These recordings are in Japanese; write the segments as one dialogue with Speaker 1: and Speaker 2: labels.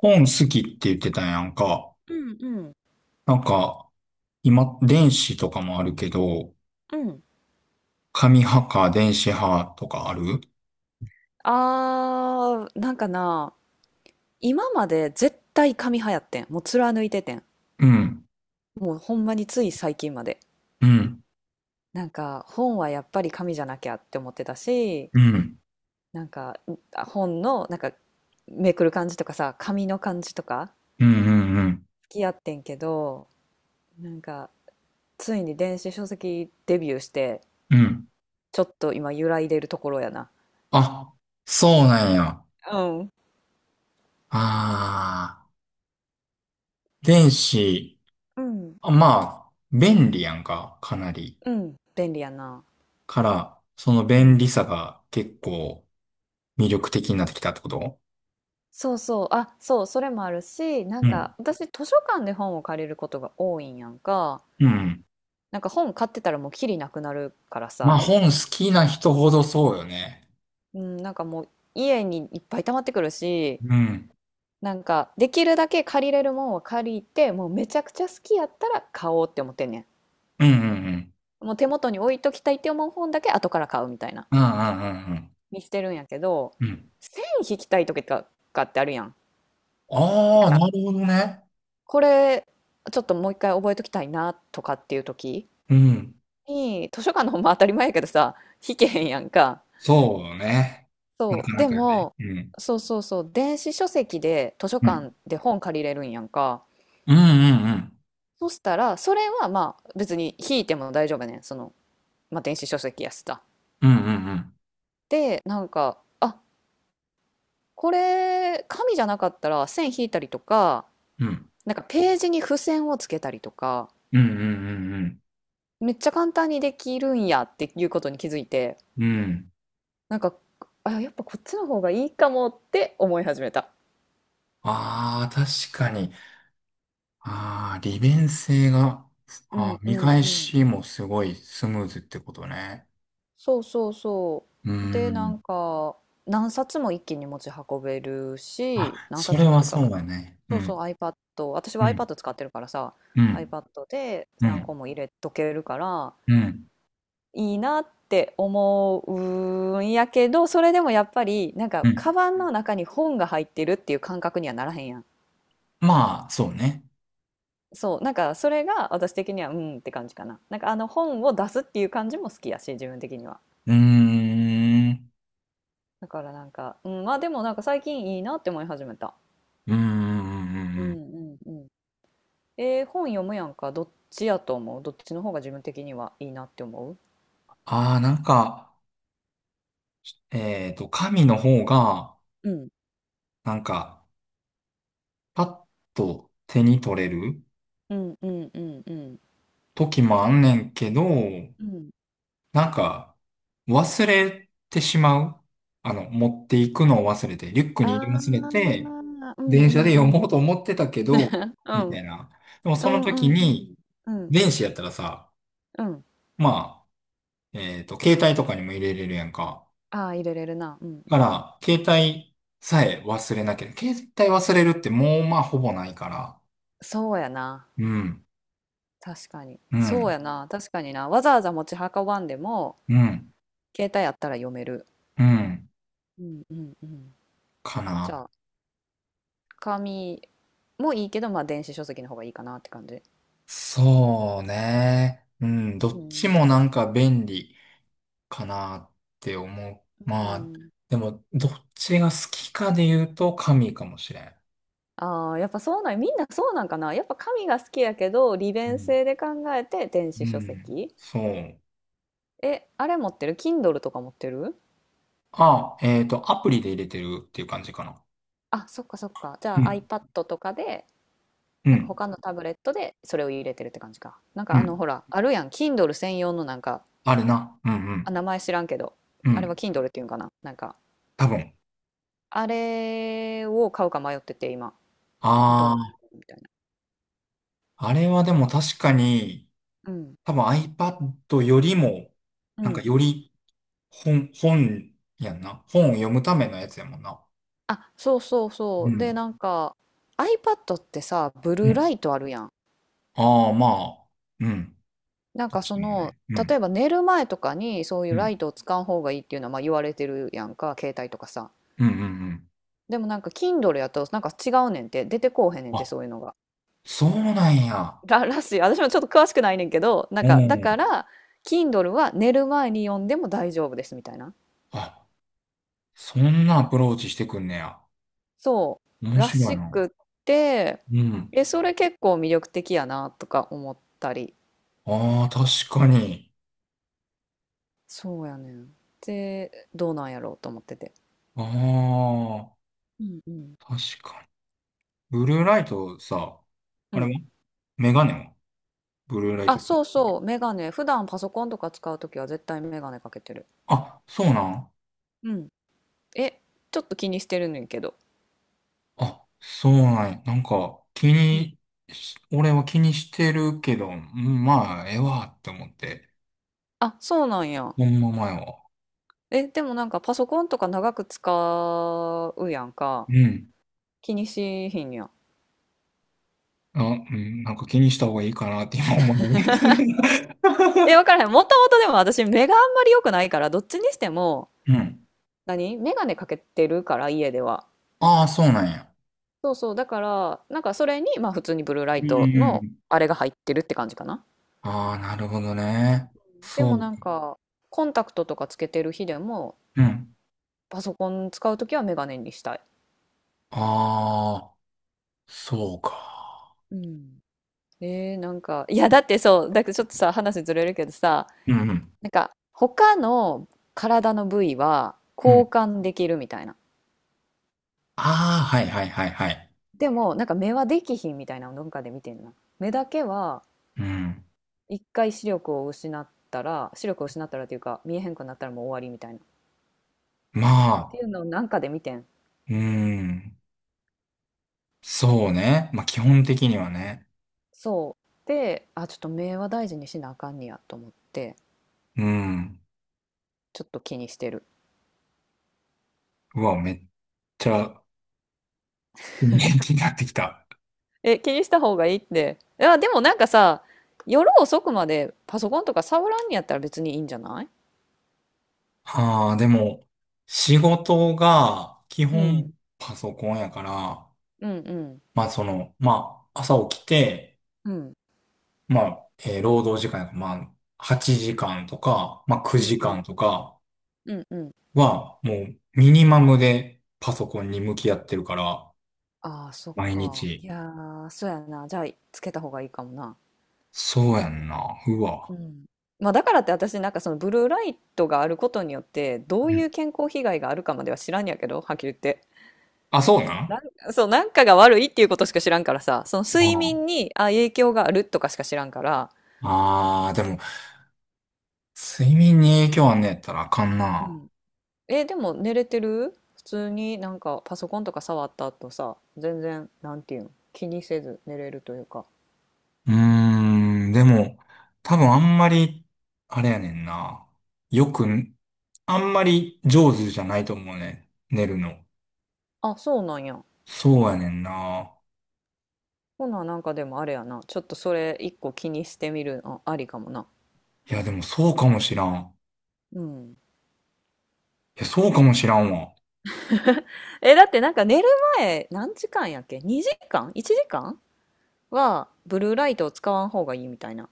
Speaker 1: 本好きって言ってたやんか。
Speaker 2: うんうん
Speaker 1: なんか、今、電子とかもあるけど、
Speaker 2: うん。
Speaker 1: 紙派か電子派とかある？
Speaker 2: あー、なんかな、今まで絶対紙派やってん。もう貫いててん。
Speaker 1: うん、
Speaker 2: もうほんまについ最近まで。
Speaker 1: うん、
Speaker 2: なんか本はやっぱり紙じゃなきゃって思ってたし、
Speaker 1: うん、
Speaker 2: なんかうあ本のなんかめくる感じとかさ、紙の感じとか
Speaker 1: うん、うん、うん。
Speaker 2: 好きやってんけど、なんかついに電子書籍デビューして、
Speaker 1: うん。
Speaker 2: ちょっと今揺らいでるところやな。
Speaker 1: あ、そうなんや。
Speaker 2: うん。
Speaker 1: あー、電子、
Speaker 2: うん。
Speaker 1: あまあ、便利やんか、かなり。
Speaker 2: うん。便利やな。
Speaker 1: から、その便利さが結構魅力的になってきたってこと？
Speaker 2: そうそう、あ、そう、それもあるし、な
Speaker 1: う
Speaker 2: ん
Speaker 1: ん。
Speaker 2: か私図書館で本を借りることが多いんやんか。
Speaker 1: うん。
Speaker 2: なんか本買ってたらもうきりなくなるから
Speaker 1: まあ、
Speaker 2: さ、
Speaker 1: 本好きな人ほどそうよね。
Speaker 2: うん、なんかもう家にいっぱい溜まってくるし、
Speaker 1: うん。
Speaker 2: なんかできるだけ借りれるもんは借りて、もうめちゃくちゃ好きやったら買おうって思ってんね
Speaker 1: うん、うん、うん。
Speaker 2: ん。もう手元に置いときたいって思う本だけ後から買うみたいな、
Speaker 1: うんうんうん
Speaker 2: にしてるんやけど、
Speaker 1: うん。うん。
Speaker 2: 線引きたい時とかってあるやん。な
Speaker 1: あ
Speaker 2: ん
Speaker 1: あー、
Speaker 2: か
Speaker 1: なるほどね。
Speaker 2: これちょっともう一回覚えときたいなとかっていう時。
Speaker 1: うん。
Speaker 2: に、図書館の本も当たり前やけどさ、引けへんやんか。
Speaker 1: そうね。な
Speaker 2: そ
Speaker 1: か
Speaker 2: う。
Speaker 1: な
Speaker 2: で
Speaker 1: かね。
Speaker 2: も、
Speaker 1: うん。
Speaker 2: そうそうそう、電子書籍で図書
Speaker 1: う
Speaker 2: 館
Speaker 1: ん。
Speaker 2: で本借りれるんやんか。
Speaker 1: うんうんうん。
Speaker 2: そしたら、それはまあ別に引いても大丈夫やねん。その、まあ電子書籍やしさ。
Speaker 1: うんうんうん。
Speaker 2: で、なんか、あ、これ、紙じゃなかったら線引いたりとか、
Speaker 1: うん
Speaker 2: なんかページに付箋をつけたりとか、
Speaker 1: うんうんうんうん、ああなるほどね、うん、そうね、なかなかね、
Speaker 2: めっちゃ簡単にできるんやっていうことに気づい
Speaker 1: うんうんうんうんうんうんうんうんうんうんうん
Speaker 2: て、
Speaker 1: うんうん。
Speaker 2: なんか、あ、やっぱこっちの方がいいかもって思い始めた。
Speaker 1: ああ確かに。ああ、利便性が、
Speaker 2: う
Speaker 1: あ
Speaker 2: ん
Speaker 1: ー
Speaker 2: う
Speaker 1: 見
Speaker 2: ん
Speaker 1: 返
Speaker 2: うん。
Speaker 1: しもすごいスムーズってことね。
Speaker 2: そうそうそ
Speaker 1: う
Speaker 2: う。で、な
Speaker 1: ん。
Speaker 2: んか、何冊も一気に持ち運べるし、
Speaker 1: あ、
Speaker 2: 何
Speaker 1: それ
Speaker 2: 冊もっ
Speaker 1: は
Speaker 2: ていうか、
Speaker 1: そうだね。う
Speaker 2: そうそう、
Speaker 1: ん。
Speaker 2: iPad、私
Speaker 1: う
Speaker 2: は
Speaker 1: ん。
Speaker 2: iPad 使ってるからさ、
Speaker 1: うん。
Speaker 2: iPad で
Speaker 1: う
Speaker 2: 何個
Speaker 1: ん。
Speaker 2: も入れとけるから、
Speaker 1: うん。
Speaker 2: いいなって思うんやけど、それでもやっぱり、なん
Speaker 1: う
Speaker 2: か、カ
Speaker 1: ん。
Speaker 2: バンの中に本が入ってるっていう感覚にはならへんやん。
Speaker 1: まあ、そうね。
Speaker 2: そう、なんか、それが私的には、うんって感じかな。なんか、あの本を出すっていう感じも好きやし、自分的には。
Speaker 1: うーん。
Speaker 2: だからなんか、うん、まあでもなんか最近いいなって思い始めた。
Speaker 1: うんうんうんう
Speaker 2: う
Speaker 1: んうん。
Speaker 2: んうんうん。本読むやんか。どっちやと思うどっちの方が自分的にはいいなって思う。
Speaker 1: ああ、なんか、神の方が、
Speaker 2: うん
Speaker 1: なんか、パッと手に取れる
Speaker 2: うんうんうんうん。
Speaker 1: 時もあんねんけど、
Speaker 2: うん。
Speaker 1: なんか、忘れてしまう。あの、持っていくのを忘れて、リュック
Speaker 2: あ
Speaker 1: に入れ
Speaker 2: あ、う
Speaker 1: 忘れて、
Speaker 2: んう
Speaker 1: 電車
Speaker 2: ん
Speaker 1: で
Speaker 2: う
Speaker 1: 読も
Speaker 2: ん。
Speaker 1: うと思ってたけど、
Speaker 2: う
Speaker 1: みた
Speaker 2: ん
Speaker 1: いな。でも
Speaker 2: う
Speaker 1: その
Speaker 2: んうんうん。
Speaker 1: 時
Speaker 2: うん
Speaker 1: に、
Speaker 2: うんうん
Speaker 1: 電子やったらさ、
Speaker 2: うん。
Speaker 1: まあ、携帯とかにも入れれるやんか。
Speaker 2: あー入れれるな。うんう
Speaker 1: か
Speaker 2: ん。
Speaker 1: ら、携帯さえ忘れなければ、携帯忘れるってもうまあほぼないから、
Speaker 2: そうやな。
Speaker 1: うん、
Speaker 2: 確かに。
Speaker 1: う
Speaker 2: そう
Speaker 1: ん、
Speaker 2: やな。確かにな。わざわざ持ち運ばんでも、
Speaker 1: うん、
Speaker 2: 携帯あったら読める。
Speaker 1: うん、
Speaker 2: うんうんうん。
Speaker 1: か
Speaker 2: じゃ
Speaker 1: な。
Speaker 2: あ、紙もいいけど、まあ電子書籍の方がいいかなって感じ。
Speaker 1: そうね。うん、ど
Speaker 2: う
Speaker 1: っちも
Speaker 2: ん。
Speaker 1: なんか便利かなって思
Speaker 2: う
Speaker 1: う。まあ、
Speaker 2: ん。
Speaker 1: でも、どっちが好きかで言うと神かもしれん。
Speaker 2: ああ、やっぱそうなん、みんなそうなんかな。やっぱ紙が好きやけど、利
Speaker 1: う
Speaker 2: 便
Speaker 1: ん、
Speaker 2: 性で考えて電
Speaker 1: う
Speaker 2: 子書
Speaker 1: ん
Speaker 2: 籍。
Speaker 1: そう。
Speaker 2: え、あれ持ってる？ Kindle とか持ってる。
Speaker 1: あ、アプリで入れてるっていう感じかな。
Speaker 2: あ、そっかそっか。じ
Speaker 1: う
Speaker 2: ゃあ
Speaker 1: ん、
Speaker 2: iPad とかで、
Speaker 1: う
Speaker 2: なんか
Speaker 1: ん、
Speaker 2: 他のタブレットでそれを入れてるって感じか。なんか
Speaker 1: う
Speaker 2: あの
Speaker 1: ん。
Speaker 2: ほら、あるやん。Kindle 専用のなんか、
Speaker 1: あるな。うん、う
Speaker 2: あ、
Speaker 1: ん、
Speaker 2: 名前知らんけど、
Speaker 1: う
Speaker 2: あれは
Speaker 1: ん。
Speaker 2: Kindle っていうんかな。なんか、
Speaker 1: 多分。
Speaker 2: あれを買うか迷ってて今、どうなる
Speaker 1: あ
Speaker 2: みたいな。
Speaker 1: あ、あれはでも確かに、
Speaker 2: うん。
Speaker 1: 多分 iPad よりも、
Speaker 2: う
Speaker 1: なんか
Speaker 2: ん。
Speaker 1: より本やんな。本を読むためのやつやもんな。
Speaker 2: あ、そうそう
Speaker 1: う
Speaker 2: そう。で、
Speaker 1: ん。
Speaker 2: なんか、iPad ってさ、ブ
Speaker 1: う
Speaker 2: ルーラ
Speaker 1: ん。
Speaker 2: イトあるやん。
Speaker 1: ああ、まあ、うん。
Speaker 2: なんか
Speaker 1: 確
Speaker 2: そ
Speaker 1: かに
Speaker 2: の
Speaker 1: ね。う
Speaker 2: 例
Speaker 1: ん。
Speaker 2: えば寝る前とかにそうい
Speaker 1: う
Speaker 2: うライ
Speaker 1: ん。
Speaker 2: トを使う方がいいっていうのはまあ言われてるやんか、携帯とかさ。
Speaker 1: うんうんうん。
Speaker 2: でもなんか Kindle やとなんか違うねんって出てこうへんねんって、そ
Speaker 1: あ、
Speaker 2: ういうのが
Speaker 1: そうなんや。
Speaker 2: らしい。私もちょっと詳しくないねんけど、なん
Speaker 1: う
Speaker 2: かだか
Speaker 1: ん。
Speaker 2: ら Kindle は寝る前に読んでも大丈夫ですみたいな、
Speaker 1: あ、そんなアプローチしてくんねや。
Speaker 2: そう
Speaker 1: 面
Speaker 2: ら
Speaker 1: 白い
Speaker 2: し
Speaker 1: な。
Speaker 2: くって、
Speaker 1: うん。
Speaker 2: えそれ結構魅力的やなとか思ったり。
Speaker 1: ああ、確かに。
Speaker 2: そうやねん。でどうなんやろうと思ってて。
Speaker 1: ああ、
Speaker 2: うんうん
Speaker 1: 確かに。ブルーライトさ、
Speaker 2: う
Speaker 1: あれ
Speaker 2: ん。
Speaker 1: はメガネはブルーライ
Speaker 2: あ、
Speaker 1: ト。
Speaker 2: そうそう、メガネ。普段パソコンとか使うときは絶対メガネかけてる。
Speaker 1: あ、そうなん？
Speaker 2: うん。え、ちょっと気にしてるねんけど。
Speaker 1: あ、そうなんや。なんか、気
Speaker 2: うん。
Speaker 1: にし、俺は気にしてるけど、うんまあ、ええわって思って。
Speaker 2: あ、そうなんや。
Speaker 1: ほんま前は。
Speaker 2: え、でもなんかパソコンとか長く使うやんか。
Speaker 1: うん。
Speaker 2: 気にしひんや。
Speaker 1: あ、うん、なんか気にした方がいいかなって今思う。
Speaker 2: え、わからへん。もともとでも私目があんまり良くないから、どっちにしても、
Speaker 1: うん。
Speaker 2: 何メガネかけてるから、家では。
Speaker 1: ああ、そうなんや。
Speaker 2: そうそう。だから、なんかそれに、まあ普通にブルーラ
Speaker 1: う
Speaker 2: イ
Speaker 1: ん
Speaker 2: ト
Speaker 1: う
Speaker 2: の
Speaker 1: ん。
Speaker 2: あれが入ってるって感じかな。
Speaker 1: ああ、なるほどね。
Speaker 2: で
Speaker 1: そ
Speaker 2: も
Speaker 1: う。
Speaker 2: なんか、コンタクトとかつけてる日でも、
Speaker 1: うん。
Speaker 2: パソコン使うときはメガネにしたい。
Speaker 1: ああ、そうか。
Speaker 2: うん。なんか、いや、だってそう、だけどちょっとさ、話ずれるけどさ、
Speaker 1: うん
Speaker 2: なんか、他の体の部位は
Speaker 1: う
Speaker 2: 交
Speaker 1: ん。
Speaker 2: 換できるみたいな。
Speaker 1: ああ、はいはいはいはい。
Speaker 2: でも、なんか目はできひんみたいなのどっかで見てんな。目だけは、
Speaker 1: うん。
Speaker 2: 一回視力を失ったら、視力を失ったらっていうか、見えへんくなったらもう終わりみたいな。っ
Speaker 1: ま
Speaker 2: て
Speaker 1: あ、
Speaker 2: いうのをなんかで見てん。
Speaker 1: うん。そうね。まあ基本的にはね。
Speaker 2: そう。で、あ、ちょっと目は大事にしなあかんねやと思って、
Speaker 1: うん。
Speaker 2: ちょっと気にしてる。
Speaker 1: うわ、めっちゃ元気になってきた。
Speaker 2: え、気にした方がいいって。いや、でもなんかさ、夜遅くまでパソコンとか触らんにやったら別にいいんじゃない？
Speaker 1: ああ、でも、仕事が基
Speaker 2: うん。
Speaker 1: 本パソコンやから、
Speaker 2: うんうん。
Speaker 1: まあその、まあ朝起きて、
Speaker 2: うん。
Speaker 1: まあ、労働時間やから、まあ8時間とか、まあ
Speaker 2: うん
Speaker 1: 9
Speaker 2: う
Speaker 1: 時間
Speaker 2: ん。
Speaker 1: とか
Speaker 2: うんうん。
Speaker 1: は、もうミニマムでパソコンに向き合ってるから、
Speaker 2: ああ、そっ
Speaker 1: 毎
Speaker 2: か。
Speaker 1: 日。
Speaker 2: いやー、そうやな。じゃあ、つけた方がいいかもな。
Speaker 1: そうやんな。う
Speaker 2: う
Speaker 1: わ。
Speaker 2: ん。まあ、だからって私、なんかそのブルーライトがあることによって、どう
Speaker 1: う
Speaker 2: い
Speaker 1: ん。
Speaker 2: う健康被害があるかまでは知らんやけど、はっきり言って。
Speaker 1: あ、そうな
Speaker 2: な
Speaker 1: ん？
Speaker 2: そう、なんかが悪いっていうことしか知らんからさ、その
Speaker 1: あ
Speaker 2: 睡眠に、あ、影響があるとかしか知らんから、
Speaker 1: あ、あー、でも、睡眠に影響あんねやったらあかんな。
Speaker 2: え、でも寝れてる、普通になんかパソコンとか触った後さ、全然、なんていうん気にせず寝れるというか。
Speaker 1: うーん、でも、多分あんまり、あれやねんな。よく、あんまり上手じゃないと思うね。寝るの。
Speaker 2: あ、そうなんや。
Speaker 1: そうやねんな。
Speaker 2: ほな、なんかでもあれやな。ちょっとそれ一個気にしてみるのありかもな。
Speaker 1: いや、でもそうかもしらん。
Speaker 2: うん。
Speaker 1: いや、そうかもしらんわ。
Speaker 2: え、だってなんか寝る前何時間やっけ？ 2 時間？ 1 時間はブルーライトを使わん方がいいみたいな。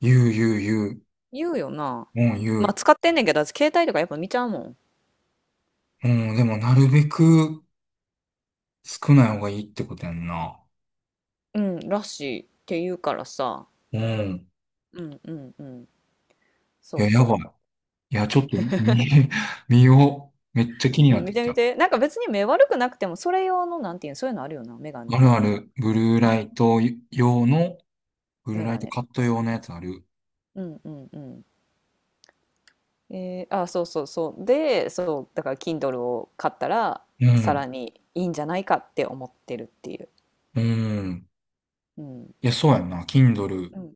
Speaker 1: 言う言う言う。
Speaker 2: 言うよな。
Speaker 1: うん、言
Speaker 2: まあ
Speaker 1: う。
Speaker 2: 使ってんねんけど、私携帯とかやっぱ見ちゃうもん。
Speaker 1: うん、でもなるべく少ない方がいいってことやんな。
Speaker 2: うん、らしいって言うからさ。
Speaker 1: うん。
Speaker 2: うんうんうん。
Speaker 1: い
Speaker 2: そう
Speaker 1: や、やばい。
Speaker 2: そう。
Speaker 1: いや、ちょっと見、見よう。めっちゃ気に
Speaker 2: う
Speaker 1: な
Speaker 2: ん、
Speaker 1: っ
Speaker 2: 見
Speaker 1: てき
Speaker 2: て見
Speaker 1: た。
Speaker 2: て。なんか別に目悪くなくても、それ用の、なんていうの、そういうのあるよな、メガネ、
Speaker 1: ある
Speaker 2: な
Speaker 1: あ
Speaker 2: ん、なん、
Speaker 1: る、ブルー
Speaker 2: な、
Speaker 1: ライト用の、ブルー
Speaker 2: メ
Speaker 1: ライ
Speaker 2: ガ
Speaker 1: ト
Speaker 2: ネ
Speaker 1: カ
Speaker 2: み
Speaker 1: ット
Speaker 2: たいな。
Speaker 1: 用のやつある。
Speaker 2: うんうんうん。あ、そうそうそう。で、そう、だから Kindle を買ったら、
Speaker 1: う
Speaker 2: さ
Speaker 1: ん、
Speaker 2: らにいいんじゃないかって思ってるっていう。
Speaker 1: うん。
Speaker 2: うん。
Speaker 1: いや、そうやんな。Kindle。
Speaker 2: うん、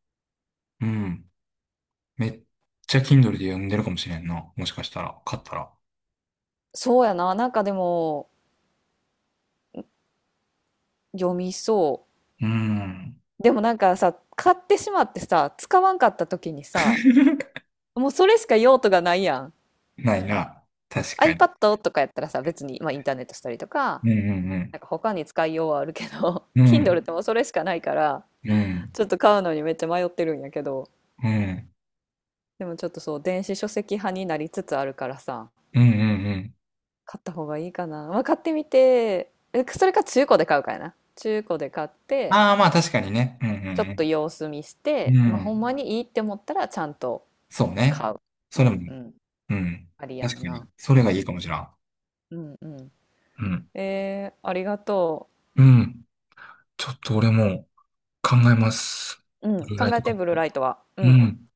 Speaker 1: うん。めっちゃ Kindle で読んでるかもしれんな。もしかしたら、買ったら。
Speaker 2: そうやな、なんかでも、読みそ
Speaker 1: うん。
Speaker 2: う。でもなんかさ、買ってしまってさ、使わんかった時にさ、もうそれしか用途がないやん。
Speaker 1: ないな。確かに。
Speaker 2: iPad とかやったらさ、別に、まあ、インターネットしたりとか、
Speaker 1: うんうんうん。
Speaker 2: なんか他に使いようはあるけど、
Speaker 1: う ん。
Speaker 2: Kindle ってもうそれしかないから、
Speaker 1: うん。
Speaker 2: ちょっと買うのにめっちゃ迷ってるんやけど、
Speaker 1: うん。
Speaker 2: でもちょっとそう電子書籍派になりつつあるからさ、
Speaker 1: うんうんうん。
Speaker 2: 買った方がいいかな、まあ、買ってみて、それか中古で買うかやな。中古で買って
Speaker 1: ああ、まあ確かにね。う
Speaker 2: ちょっと
Speaker 1: ん
Speaker 2: 様子見し
Speaker 1: うん
Speaker 2: て、
Speaker 1: うん。う
Speaker 2: まあ、ほん
Speaker 1: ん。
Speaker 2: まにいいって思ったらちゃんと
Speaker 1: そう
Speaker 2: 買
Speaker 1: ね。
Speaker 2: う。う
Speaker 1: それも
Speaker 2: んうん。
Speaker 1: うん。
Speaker 2: ありや
Speaker 1: 確
Speaker 2: ん
Speaker 1: かに。
Speaker 2: な。
Speaker 1: それがいいかもしらん。
Speaker 2: うんうん。
Speaker 1: うん。
Speaker 2: ありがと
Speaker 1: うん。ちょっと俺も考えます。
Speaker 2: う。うん。
Speaker 1: ブルーライ
Speaker 2: 考
Speaker 1: ト
Speaker 2: え
Speaker 1: カ
Speaker 2: て
Speaker 1: ッ
Speaker 2: ブルー
Speaker 1: ト。
Speaker 2: ライトはう
Speaker 1: う
Speaker 2: ん。
Speaker 1: ん。